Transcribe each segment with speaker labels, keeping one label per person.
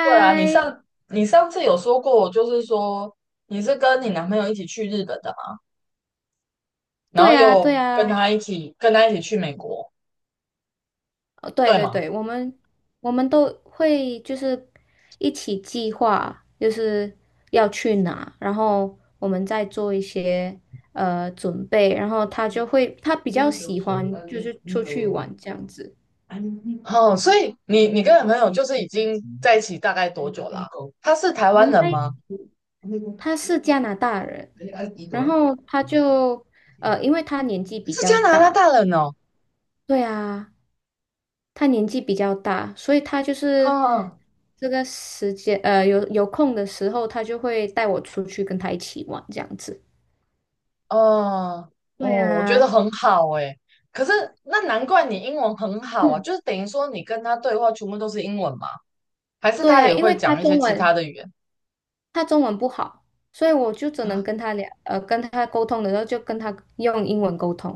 Speaker 1: 对啊，你上你上次有说过，就是说你是跟你男朋友一起去日本的嘛，然后
Speaker 2: 对啊，对
Speaker 1: 又跟
Speaker 2: 啊，
Speaker 1: 他一起去美国，
Speaker 2: 哦，对
Speaker 1: 对
Speaker 2: 对
Speaker 1: 吗？
Speaker 2: 对，我们都会就是一起计划，就是要去哪，然后我们再做一些准备，然后他就会他比较喜欢就是出去玩这样子。
Speaker 1: 哦，所以你跟男朋友就是已经在一起大概多久啦？他是台
Speaker 2: 我
Speaker 1: 湾
Speaker 2: 们
Speaker 1: 人
Speaker 2: 在
Speaker 1: 吗？
Speaker 2: 他是加拿大人，然后因为他年纪比
Speaker 1: 是加
Speaker 2: 较
Speaker 1: 拿大
Speaker 2: 大，
Speaker 1: 大人哦。
Speaker 2: 对啊。他年纪比较大，所以他就是
Speaker 1: 哈，
Speaker 2: 这个时间，有空的时候，他就会带我出去跟他一起玩这样子。
Speaker 1: 哦哦，
Speaker 2: 对
Speaker 1: 我觉得
Speaker 2: 啊，
Speaker 1: 很好诶。可是那难怪你英文很好啊，
Speaker 2: 嗯，
Speaker 1: 就是等于说你跟他对话全部都是英文嘛？还是
Speaker 2: 对
Speaker 1: 他
Speaker 2: 啊，
Speaker 1: 也
Speaker 2: 因为
Speaker 1: 会
Speaker 2: 他
Speaker 1: 讲一些
Speaker 2: 中
Speaker 1: 其他
Speaker 2: 文
Speaker 1: 的语言？
Speaker 2: 他中文不好，所以我就只能跟他沟通的时候就跟他用英文沟通，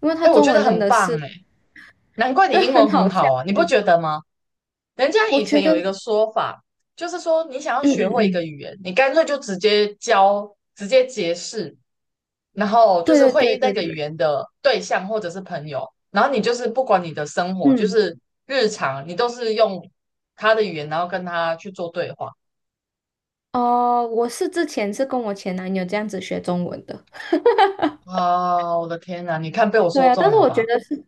Speaker 2: 因为他
Speaker 1: 哎，我
Speaker 2: 中
Speaker 1: 觉得
Speaker 2: 文真
Speaker 1: 很
Speaker 2: 的
Speaker 1: 棒
Speaker 2: 是
Speaker 1: 诶。难怪你
Speaker 2: 真的
Speaker 1: 英
Speaker 2: 很
Speaker 1: 文很
Speaker 2: 好笑
Speaker 1: 好啊，你
Speaker 2: 的那
Speaker 1: 不
Speaker 2: 种。
Speaker 1: 觉得吗？人家
Speaker 2: 我
Speaker 1: 以
Speaker 2: 觉
Speaker 1: 前
Speaker 2: 得，
Speaker 1: 有一个说法，就是说你想要
Speaker 2: 嗯
Speaker 1: 学
Speaker 2: 嗯
Speaker 1: 会一个
Speaker 2: 嗯，
Speaker 1: 语言，你干脆就直接教，直接解释，然后就
Speaker 2: 对
Speaker 1: 是
Speaker 2: 对
Speaker 1: 会
Speaker 2: 对
Speaker 1: 议
Speaker 2: 对
Speaker 1: 那个语
Speaker 2: 对，
Speaker 1: 言的对象或者是朋友，然后你就是不管你的生活，就
Speaker 2: 嗯，
Speaker 1: 是日常，你都是用他的语言，然后跟他去做对话。
Speaker 2: 哦、之前是跟我前男友这样子学中文的。
Speaker 1: 啊，我的天呐，你看被我
Speaker 2: 对
Speaker 1: 说
Speaker 2: 啊，但
Speaker 1: 中
Speaker 2: 是
Speaker 1: 了
Speaker 2: 我觉
Speaker 1: 吧？
Speaker 2: 得是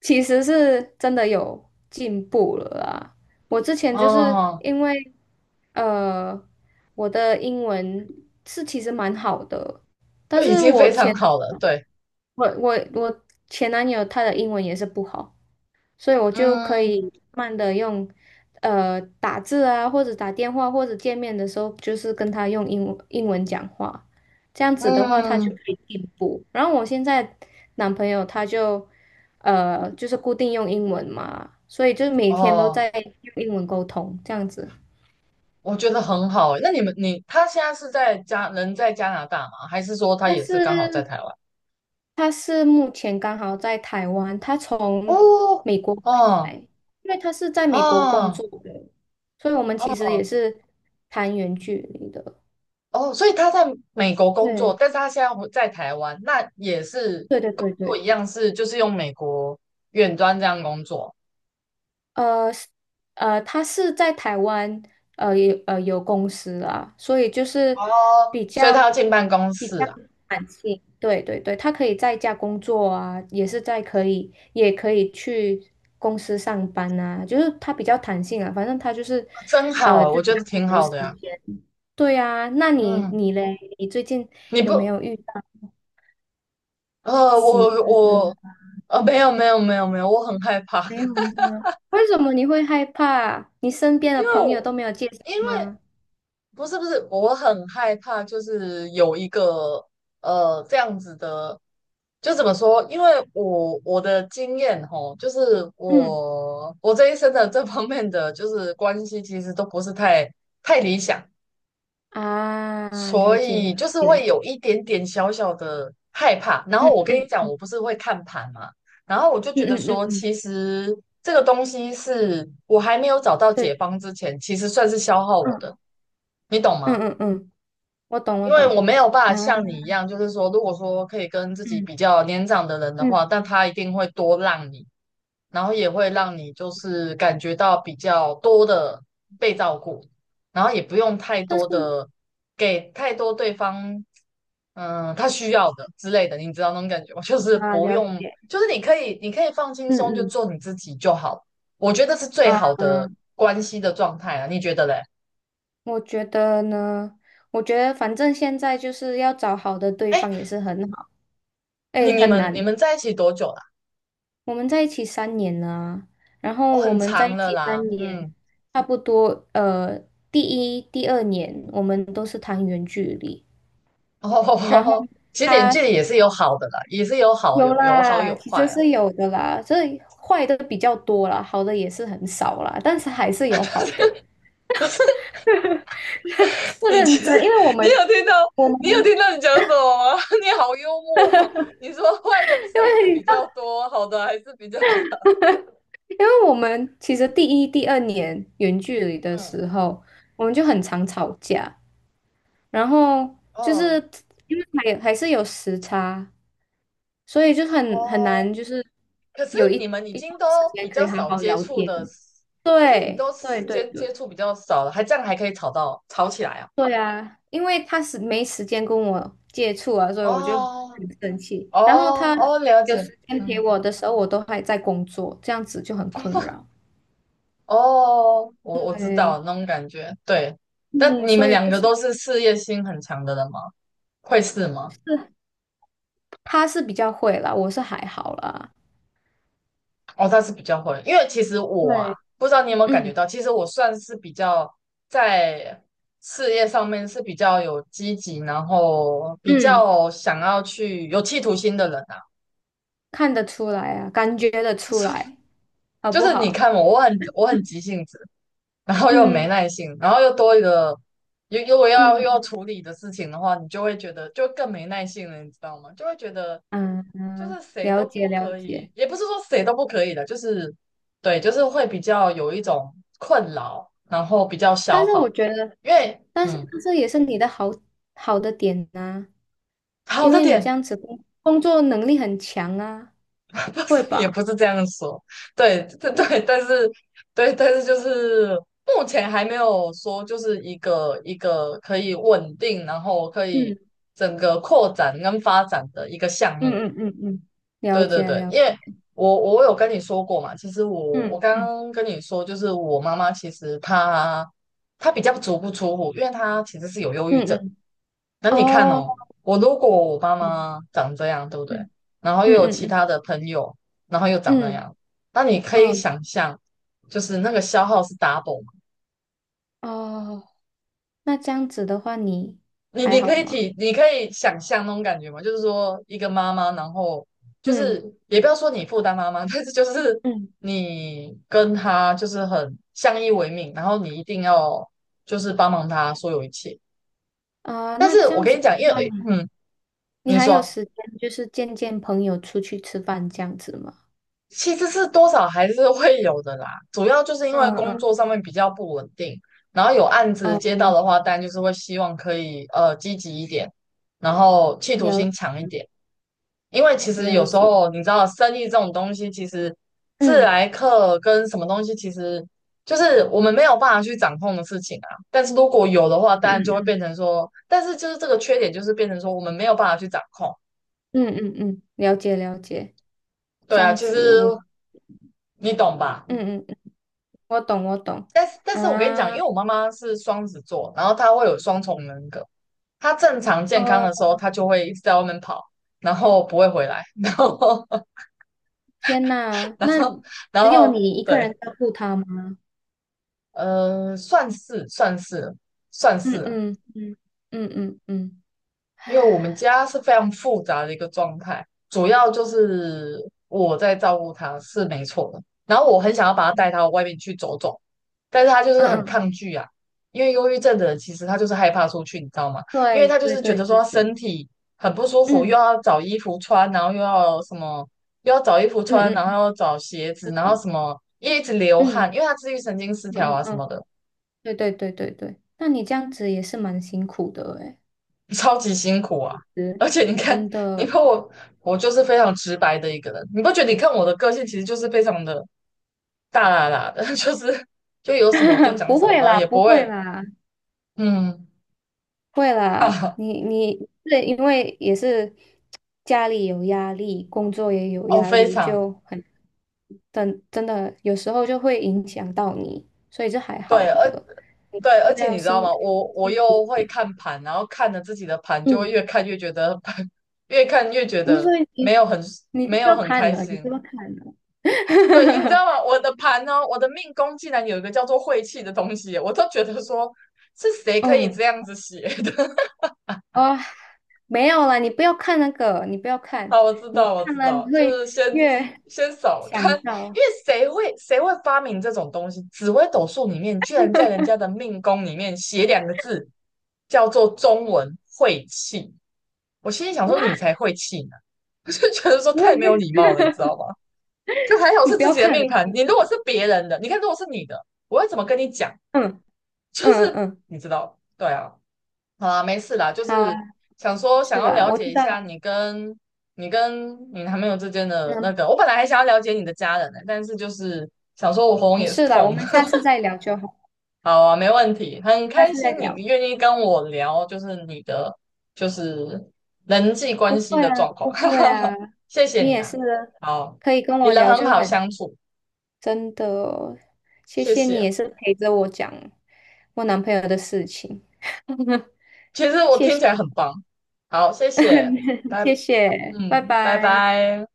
Speaker 2: 其实是真的有进步了啊！我之前就是
Speaker 1: 哦，
Speaker 2: 因为呃，我的英文是其实蛮好的，但
Speaker 1: 这已
Speaker 2: 是
Speaker 1: 经
Speaker 2: 我
Speaker 1: 非常
Speaker 2: 前男
Speaker 1: 好了，
Speaker 2: 友
Speaker 1: 对，
Speaker 2: 我我我前男友他的英文也是不好，所以我就可
Speaker 1: 嗯
Speaker 2: 以慢慢的用，打字啊，或者打电话，或者见面的时候，就是跟他用英文讲话，这样子的话，他就
Speaker 1: 嗯。
Speaker 2: 可以进步。然后我现在男朋友他就是固定用英文嘛，所以就是每天都
Speaker 1: 哦，
Speaker 2: 在用英文沟通，这样子。
Speaker 1: 我觉得很好欸。那你们，你他现在是在加，人在加拿大吗？还是说他
Speaker 2: 但
Speaker 1: 也是刚好在
Speaker 2: 是
Speaker 1: 台湾？
Speaker 2: 他是目前刚好在台湾，他从
Speaker 1: 哦，
Speaker 2: 美国回来，
Speaker 1: 哦，
Speaker 2: 因为他是在美国工
Speaker 1: 哦，
Speaker 2: 作的，所以我们其实也
Speaker 1: 哦，
Speaker 2: 是谈远距离的。
Speaker 1: 哦，所以他在美国工作，
Speaker 2: 对，
Speaker 1: 但是他现在回在台湾，那也是
Speaker 2: 对对
Speaker 1: 工
Speaker 2: 对
Speaker 1: 作一
Speaker 2: 对。
Speaker 1: 样是就是用美国远端这样工作。
Speaker 2: 呃是他是在台湾有公司啊，所以就是
Speaker 1: 哦，
Speaker 2: 比
Speaker 1: 所以
Speaker 2: 较
Speaker 1: 他要进办公
Speaker 2: 比较
Speaker 1: 室啊。
Speaker 2: 弹性，对对对，他可以在家工作啊，也可以去公司上班啊，就是他比较弹性啊，反正他就是
Speaker 1: 真好啊，
Speaker 2: 自
Speaker 1: 我觉
Speaker 2: 己
Speaker 1: 得
Speaker 2: 安
Speaker 1: 挺
Speaker 2: 排好
Speaker 1: 好
Speaker 2: 时
Speaker 1: 的呀。
Speaker 2: 间。对啊，那你
Speaker 1: 嗯，
Speaker 2: 你嘞，你最近
Speaker 1: 你
Speaker 2: 有没
Speaker 1: 不，
Speaker 2: 有遇到
Speaker 1: 呃，
Speaker 2: 喜欢
Speaker 1: 我
Speaker 2: 的人？
Speaker 1: 我没有，没有，没有，没有，我很害怕。
Speaker 2: 没有吗？为什么你会害怕？你身 边的
Speaker 1: 因为
Speaker 2: 朋友
Speaker 1: 我。
Speaker 2: 都没有介绍
Speaker 1: 因为
Speaker 2: 吗？
Speaker 1: 不是，我很害怕，就是有一个这样子的，就怎么说？因为我的经验吼，就是
Speaker 2: 嗯。
Speaker 1: 我这一生的这方面的就是关系，其实都不是太理想，
Speaker 2: 啊，
Speaker 1: 所
Speaker 2: 了解了
Speaker 1: 以就是会
Speaker 2: 解，
Speaker 1: 有一点点小小的害怕。然后
Speaker 2: 嗯
Speaker 1: 我跟你
Speaker 2: 嗯
Speaker 1: 讲，
Speaker 2: 嗯
Speaker 1: 我不是会看盘嘛，然后我就
Speaker 2: 嗯
Speaker 1: 觉得
Speaker 2: 嗯嗯
Speaker 1: 说，
Speaker 2: 嗯，
Speaker 1: 其实这个东西是我还没有找到
Speaker 2: 对，
Speaker 1: 解方之前，其实算是消耗我
Speaker 2: 嗯
Speaker 1: 的，你懂
Speaker 2: 嗯
Speaker 1: 吗？
Speaker 2: 嗯嗯，我懂我
Speaker 1: 因为
Speaker 2: 懂
Speaker 1: 我没有办法
Speaker 2: 啊，
Speaker 1: 像你一样，就是说，如果说可以跟自己
Speaker 2: 嗯
Speaker 1: 比较年长的人的话，
Speaker 2: 嗯，
Speaker 1: 但他一定会多让你，然后也会让你就是感觉到比较多的被照顾，然后也不用太
Speaker 2: 但是
Speaker 1: 多的给太多对方，嗯，他需要的之类的，你知道那种感觉吗？就是
Speaker 2: 啊，
Speaker 1: 不
Speaker 2: 了
Speaker 1: 用，
Speaker 2: 解，
Speaker 1: 就是你可以，你可以放轻
Speaker 2: 嗯
Speaker 1: 松，就
Speaker 2: 嗯
Speaker 1: 做你自己就好，我觉得是最
Speaker 2: 啊，
Speaker 1: 好的关系的状态啊，你觉得嘞？
Speaker 2: 我觉得呢，我觉得反正现在就是要找好的对
Speaker 1: 哎，
Speaker 2: 方也是很好，
Speaker 1: 你
Speaker 2: 哎，
Speaker 1: 你
Speaker 2: 很
Speaker 1: 们你
Speaker 2: 难。
Speaker 1: 们在一起多久了？
Speaker 2: 我们在一起三年了啊，然
Speaker 1: 哦，
Speaker 2: 后我
Speaker 1: 很
Speaker 2: 们在一
Speaker 1: 长了
Speaker 2: 起
Speaker 1: 啦，
Speaker 2: 三年，
Speaker 1: 嗯。
Speaker 2: 差不多第一、第二年我们都是谈远距离，
Speaker 1: 哦，
Speaker 2: 然后
Speaker 1: 其实远距
Speaker 2: 他
Speaker 1: 离也是有好的啦，也是
Speaker 2: 有
Speaker 1: 有好
Speaker 2: 啦，
Speaker 1: 有
Speaker 2: 其实
Speaker 1: 坏啦。
Speaker 2: 是有的啦，所以坏的比较多啦，好的也是很少啦，但是还是有好的。是
Speaker 1: 你其
Speaker 2: 认
Speaker 1: 实
Speaker 2: 真，因 为我
Speaker 1: 你
Speaker 2: 们
Speaker 1: 有听到
Speaker 2: 我们
Speaker 1: 你有听到你讲什么吗？你好幽默哦，你说坏的不是
Speaker 2: 因
Speaker 1: 还是比
Speaker 2: 为
Speaker 1: 较多，好的还是比较少。
Speaker 2: 因为我们其实第一、第二年远距离 的
Speaker 1: 嗯，
Speaker 2: 时候，我们就很常吵架，然后就是
Speaker 1: 哦
Speaker 2: 因为还是有时差，所以就很难，
Speaker 1: 哦，
Speaker 2: 就是
Speaker 1: 可是
Speaker 2: 有一
Speaker 1: 你们已
Speaker 2: 一
Speaker 1: 经
Speaker 2: 段
Speaker 1: 都
Speaker 2: 时间
Speaker 1: 比
Speaker 2: 可
Speaker 1: 较
Speaker 2: 以好
Speaker 1: 少
Speaker 2: 好
Speaker 1: 接
Speaker 2: 聊
Speaker 1: 触
Speaker 2: 天。
Speaker 1: 的，可是你们
Speaker 2: 对
Speaker 1: 都
Speaker 2: 对
Speaker 1: 时
Speaker 2: 对
Speaker 1: 间
Speaker 2: 对，
Speaker 1: 接触比较少了，还这样还可以吵到吵起来啊？
Speaker 2: 对呀，因为他是没时间跟我接触啊，所以我就
Speaker 1: 哦，
Speaker 2: 很生气。
Speaker 1: 哦，
Speaker 2: 然后他
Speaker 1: 哦，了
Speaker 2: 有
Speaker 1: 解，
Speaker 2: 时间陪
Speaker 1: 嗯。
Speaker 2: 我的时候，我都还在工作，这样子就很困扰。
Speaker 1: 哦，我知
Speaker 2: 对，
Speaker 1: 道那种感觉，对。但
Speaker 2: 嗯，
Speaker 1: 你
Speaker 2: 所
Speaker 1: 们
Speaker 2: 以
Speaker 1: 两
Speaker 2: 就
Speaker 1: 个
Speaker 2: 是
Speaker 1: 都是事业心很强的人吗？会是吗？
Speaker 2: 他是比较会啦，我是还好啦。
Speaker 1: 哦，他是比较会，因为其实我啊，
Speaker 2: 对，
Speaker 1: 不知道你有没有感觉
Speaker 2: 嗯
Speaker 1: 到，其实我算是比较在事业上面是比较有积极，然后比
Speaker 2: 嗯，
Speaker 1: 较想要去有企图心的人啊。
Speaker 2: 看得出来啊，感觉得 出
Speaker 1: 所以
Speaker 2: 来，好
Speaker 1: 就
Speaker 2: 不
Speaker 1: 是你
Speaker 2: 好？
Speaker 1: 看我，我很急性子，然后又没
Speaker 2: 嗯
Speaker 1: 耐性，然后又多一个，又要
Speaker 2: 嗯
Speaker 1: 处理的事情的话，你就会觉得就更没耐性了，你知道吗？就会觉得
Speaker 2: 嗯
Speaker 1: 就
Speaker 2: 嗯，
Speaker 1: 是谁
Speaker 2: 了
Speaker 1: 都
Speaker 2: 解
Speaker 1: 不
Speaker 2: 了
Speaker 1: 可
Speaker 2: 解。
Speaker 1: 以，也不是说谁都不可以的，就是对，就是会比较有一种困扰，然后比较消
Speaker 2: 但是
Speaker 1: 耗，
Speaker 2: 我觉得，
Speaker 1: 因为
Speaker 2: 但是
Speaker 1: 嗯，
Speaker 2: 这也是你的好的点呐、
Speaker 1: 好
Speaker 2: 因
Speaker 1: 的
Speaker 2: 为你这
Speaker 1: 点。
Speaker 2: 样子工作能力很强啊，会
Speaker 1: 也不
Speaker 2: 吧？
Speaker 1: 是这样说，对，对，对，但是，对，但是就是目前还没有说，就是一个一个可以稳定，然后可以
Speaker 2: 嗯
Speaker 1: 整个扩展跟发展的一个项
Speaker 2: 嗯
Speaker 1: 目。
Speaker 2: 嗯嗯嗯，了
Speaker 1: 对，对，
Speaker 2: 解
Speaker 1: 对，
Speaker 2: 了解，
Speaker 1: 因为我有跟你说过嘛，其实我
Speaker 2: 嗯
Speaker 1: 我刚
Speaker 2: 嗯
Speaker 1: 刚跟你说，就是我妈妈其实她比较足不出户，因为她其实是有忧郁
Speaker 2: 嗯
Speaker 1: 症。
Speaker 2: 嗯，
Speaker 1: 那你看
Speaker 2: 哦，
Speaker 1: 哦，我如果我妈
Speaker 2: 嗯
Speaker 1: 妈长这样，对不对？
Speaker 2: 嗯
Speaker 1: 然后又
Speaker 2: 嗯
Speaker 1: 有其
Speaker 2: 嗯
Speaker 1: 他的朋友，然后又长那
Speaker 2: 嗯
Speaker 1: 样，那你可以
Speaker 2: 嗯，
Speaker 1: 想象，就是那个消耗是 double 嘛？
Speaker 2: 哦，那这样子的话你还好吗？
Speaker 1: 你可以想象那种感觉吗？就是说，一个妈妈，然后就
Speaker 2: 嗯
Speaker 1: 是也不要说你负担妈妈，但是就是
Speaker 2: 嗯
Speaker 1: 你跟她就是很相依为命，然后你一定要就是帮忙她所有一切。
Speaker 2: 啊，
Speaker 1: 但
Speaker 2: 那
Speaker 1: 是
Speaker 2: 这
Speaker 1: 我
Speaker 2: 样
Speaker 1: 跟
Speaker 2: 子
Speaker 1: 你
Speaker 2: 的
Speaker 1: 讲，因
Speaker 2: 话
Speaker 1: 为
Speaker 2: 你
Speaker 1: 嗯，
Speaker 2: 你
Speaker 1: 你
Speaker 2: 还有
Speaker 1: 说。
Speaker 2: 时间就是见见朋友出去吃饭这样子吗？
Speaker 1: 其实是多少还是会有的啦，主要就是因为
Speaker 2: 嗯
Speaker 1: 工
Speaker 2: 嗯
Speaker 1: 作上面比较不稳定，然后有案子接
Speaker 2: 嗯，
Speaker 1: 到的话，当然就是会希望可以积极一点，然后企图
Speaker 2: 了
Speaker 1: 心强一点。因为其实有
Speaker 2: 了
Speaker 1: 时
Speaker 2: 解，
Speaker 1: 候你知道，生意这种东西，其实自
Speaker 2: 嗯
Speaker 1: 来客跟什么东西，其实就是我们没有办法去掌控的事情啊。但是如果有的话，当然就
Speaker 2: 嗯
Speaker 1: 会变成说，但是就是这个缺点就是变成说我们没有办法去掌控。
Speaker 2: 嗯嗯嗯，嗯，了解了解，
Speaker 1: 对
Speaker 2: 这
Speaker 1: 啊，
Speaker 2: 样
Speaker 1: 其实
Speaker 2: 子我。
Speaker 1: 你懂吧？
Speaker 2: 嗯嗯，我懂，我懂
Speaker 1: 但是我跟你讲，
Speaker 2: 啊，
Speaker 1: 因为我妈妈是双子座，然后她会有双重人格。她正常健
Speaker 2: 哦，
Speaker 1: 康的时候，她就会一直在外面跑，然后不会回来，
Speaker 2: 天呐，
Speaker 1: 然
Speaker 2: 那
Speaker 1: 后，然
Speaker 2: 只有
Speaker 1: 后，
Speaker 2: 你一个人
Speaker 1: 对，
Speaker 2: 照顾他吗？
Speaker 1: 呃，算是，算是，算
Speaker 2: 嗯
Speaker 1: 是。
Speaker 2: 嗯嗯嗯嗯嗯，
Speaker 1: 因为我
Speaker 2: 唉，
Speaker 1: 们家是非常复杂的一个状态，主要就是我在照顾他是没错的，然后我很想要把他带到外面去走走，但是他就是
Speaker 2: 嗯
Speaker 1: 很抗
Speaker 2: 嗯，
Speaker 1: 拒啊，因为忧郁症的人其实他就是害怕出去，你知道吗？因为
Speaker 2: 对
Speaker 1: 他就
Speaker 2: 对
Speaker 1: 是觉
Speaker 2: 对
Speaker 1: 得说
Speaker 2: 对
Speaker 1: 他身
Speaker 2: 对，
Speaker 1: 体很不舒服，又
Speaker 2: 嗯
Speaker 1: 要找衣服穿，然后又要什么，又要找衣服
Speaker 2: 嗯
Speaker 1: 穿，然后
Speaker 2: 嗯，
Speaker 1: 又要找鞋子，
Speaker 2: 我
Speaker 1: 然后
Speaker 2: 懂，
Speaker 1: 什么，一直流
Speaker 2: 嗯
Speaker 1: 汗，因为他自律神经失
Speaker 2: 嗯
Speaker 1: 调
Speaker 2: 嗯
Speaker 1: 啊什么
Speaker 2: 嗯，
Speaker 1: 的。
Speaker 2: 对对对对对，那你这样子也是蛮辛苦的诶，
Speaker 1: 超级辛苦啊！
Speaker 2: 是，
Speaker 1: 而且你看，
Speaker 2: 真
Speaker 1: 你
Speaker 2: 的，
Speaker 1: 看我，我就是非常直白的一个人，你不觉得？你看我的个性其实就是非常的大啦啦的，就是就有什么我就 讲
Speaker 2: 不
Speaker 1: 什么，
Speaker 2: 会
Speaker 1: 然后
Speaker 2: 啦，
Speaker 1: 也
Speaker 2: 不
Speaker 1: 不
Speaker 2: 会
Speaker 1: 会，
Speaker 2: 啦，
Speaker 1: 嗯，
Speaker 2: 会
Speaker 1: 哈
Speaker 2: 啦，
Speaker 1: 哈，
Speaker 2: 你对，因为也是家里有压力，工作也有
Speaker 1: 哦，
Speaker 2: 压
Speaker 1: 非
Speaker 2: 力，
Speaker 1: 常
Speaker 2: 就很真的有时候就会影响到你，所以这还
Speaker 1: 对。
Speaker 2: 好
Speaker 1: 而
Speaker 2: 的，你
Speaker 1: 对，而
Speaker 2: 就是
Speaker 1: 且
Speaker 2: 要
Speaker 1: 你知道
Speaker 2: 辛
Speaker 1: 吗？我
Speaker 2: 辛苦一
Speaker 1: 又会
Speaker 2: 点。
Speaker 1: 看盘，然后看着自己的盘，就会越
Speaker 2: 嗯，
Speaker 1: 看越觉得 越看越觉
Speaker 2: 那
Speaker 1: 得
Speaker 2: 所以
Speaker 1: 没有
Speaker 2: 你
Speaker 1: 很
Speaker 2: 你就
Speaker 1: 没有
Speaker 2: 要
Speaker 1: 很
Speaker 2: 看
Speaker 1: 开
Speaker 2: 了，你不
Speaker 1: 心，
Speaker 2: 要看了。
Speaker 1: 对，你知道 吗？我的盘呢，我的命宫竟然有一个叫做晦气的东西，我都觉得说是谁可
Speaker 2: Oh
Speaker 1: 以
Speaker 2: my
Speaker 1: 这
Speaker 2: god！
Speaker 1: 样子写的？
Speaker 2: 哇，没有啦，你不要看那个，你不要 看，
Speaker 1: 好，我知
Speaker 2: 你
Speaker 1: 道，我
Speaker 2: 看
Speaker 1: 知
Speaker 2: 了
Speaker 1: 道，
Speaker 2: 你
Speaker 1: 就
Speaker 2: 会
Speaker 1: 是
Speaker 2: 越
Speaker 1: 先扫
Speaker 2: 想
Speaker 1: 看，
Speaker 2: 到，
Speaker 1: 因为谁会发明这种东西？紫微斗数里面居然在人家的命宫里面写两个字，叫做中文晦气。我心里想说，你 才晦气呢，我就觉得说太没有礼貌了，你知道吗？就还好
Speaker 2: 你
Speaker 1: 是
Speaker 2: 不
Speaker 1: 自
Speaker 2: 要
Speaker 1: 己的
Speaker 2: 看了。
Speaker 1: 命盘，你如果是别人的，你看如果是你的，我要怎么跟你讲？
Speaker 2: 嗯
Speaker 1: 就
Speaker 2: 嗯
Speaker 1: 是
Speaker 2: 嗯，
Speaker 1: 你知道，对啊，好啊，没事啦，就
Speaker 2: 好啊，
Speaker 1: 是想说想
Speaker 2: 是
Speaker 1: 要
Speaker 2: 的，
Speaker 1: 了
Speaker 2: 我
Speaker 1: 解
Speaker 2: 知
Speaker 1: 一
Speaker 2: 道
Speaker 1: 下
Speaker 2: 了，
Speaker 1: 你跟你男朋友之间的那
Speaker 2: 嗯，
Speaker 1: 个，我本来还想要了解你的家人呢，但是就是想说我喉咙
Speaker 2: 没
Speaker 1: 也是
Speaker 2: 事的，我
Speaker 1: 痛。
Speaker 2: 们下次再聊就好，
Speaker 1: 好啊，没问题，很
Speaker 2: 下
Speaker 1: 开
Speaker 2: 次再
Speaker 1: 心你
Speaker 2: 聊。
Speaker 1: 愿意跟我聊，就是就是人际关
Speaker 2: 不
Speaker 1: 系
Speaker 2: 会
Speaker 1: 的
Speaker 2: 啊，
Speaker 1: 状况。
Speaker 2: 不会啊，
Speaker 1: 谢谢
Speaker 2: 你
Speaker 1: 你
Speaker 2: 也
Speaker 1: 啊，
Speaker 2: 是
Speaker 1: 好，
Speaker 2: 可以跟
Speaker 1: 你
Speaker 2: 我
Speaker 1: 人
Speaker 2: 聊，
Speaker 1: 很
Speaker 2: 就
Speaker 1: 好
Speaker 2: 很
Speaker 1: 相处，
Speaker 2: 真的，谢
Speaker 1: 谢
Speaker 2: 谢你
Speaker 1: 谢。
Speaker 2: 也是陪着我讲我男朋友的事情，
Speaker 1: 其实我
Speaker 2: 谢
Speaker 1: 听
Speaker 2: 谢，
Speaker 1: 起来很棒。好，谢谢，拜，
Speaker 2: 谢谢，拜
Speaker 1: 嗯，拜
Speaker 2: 拜。
Speaker 1: 拜。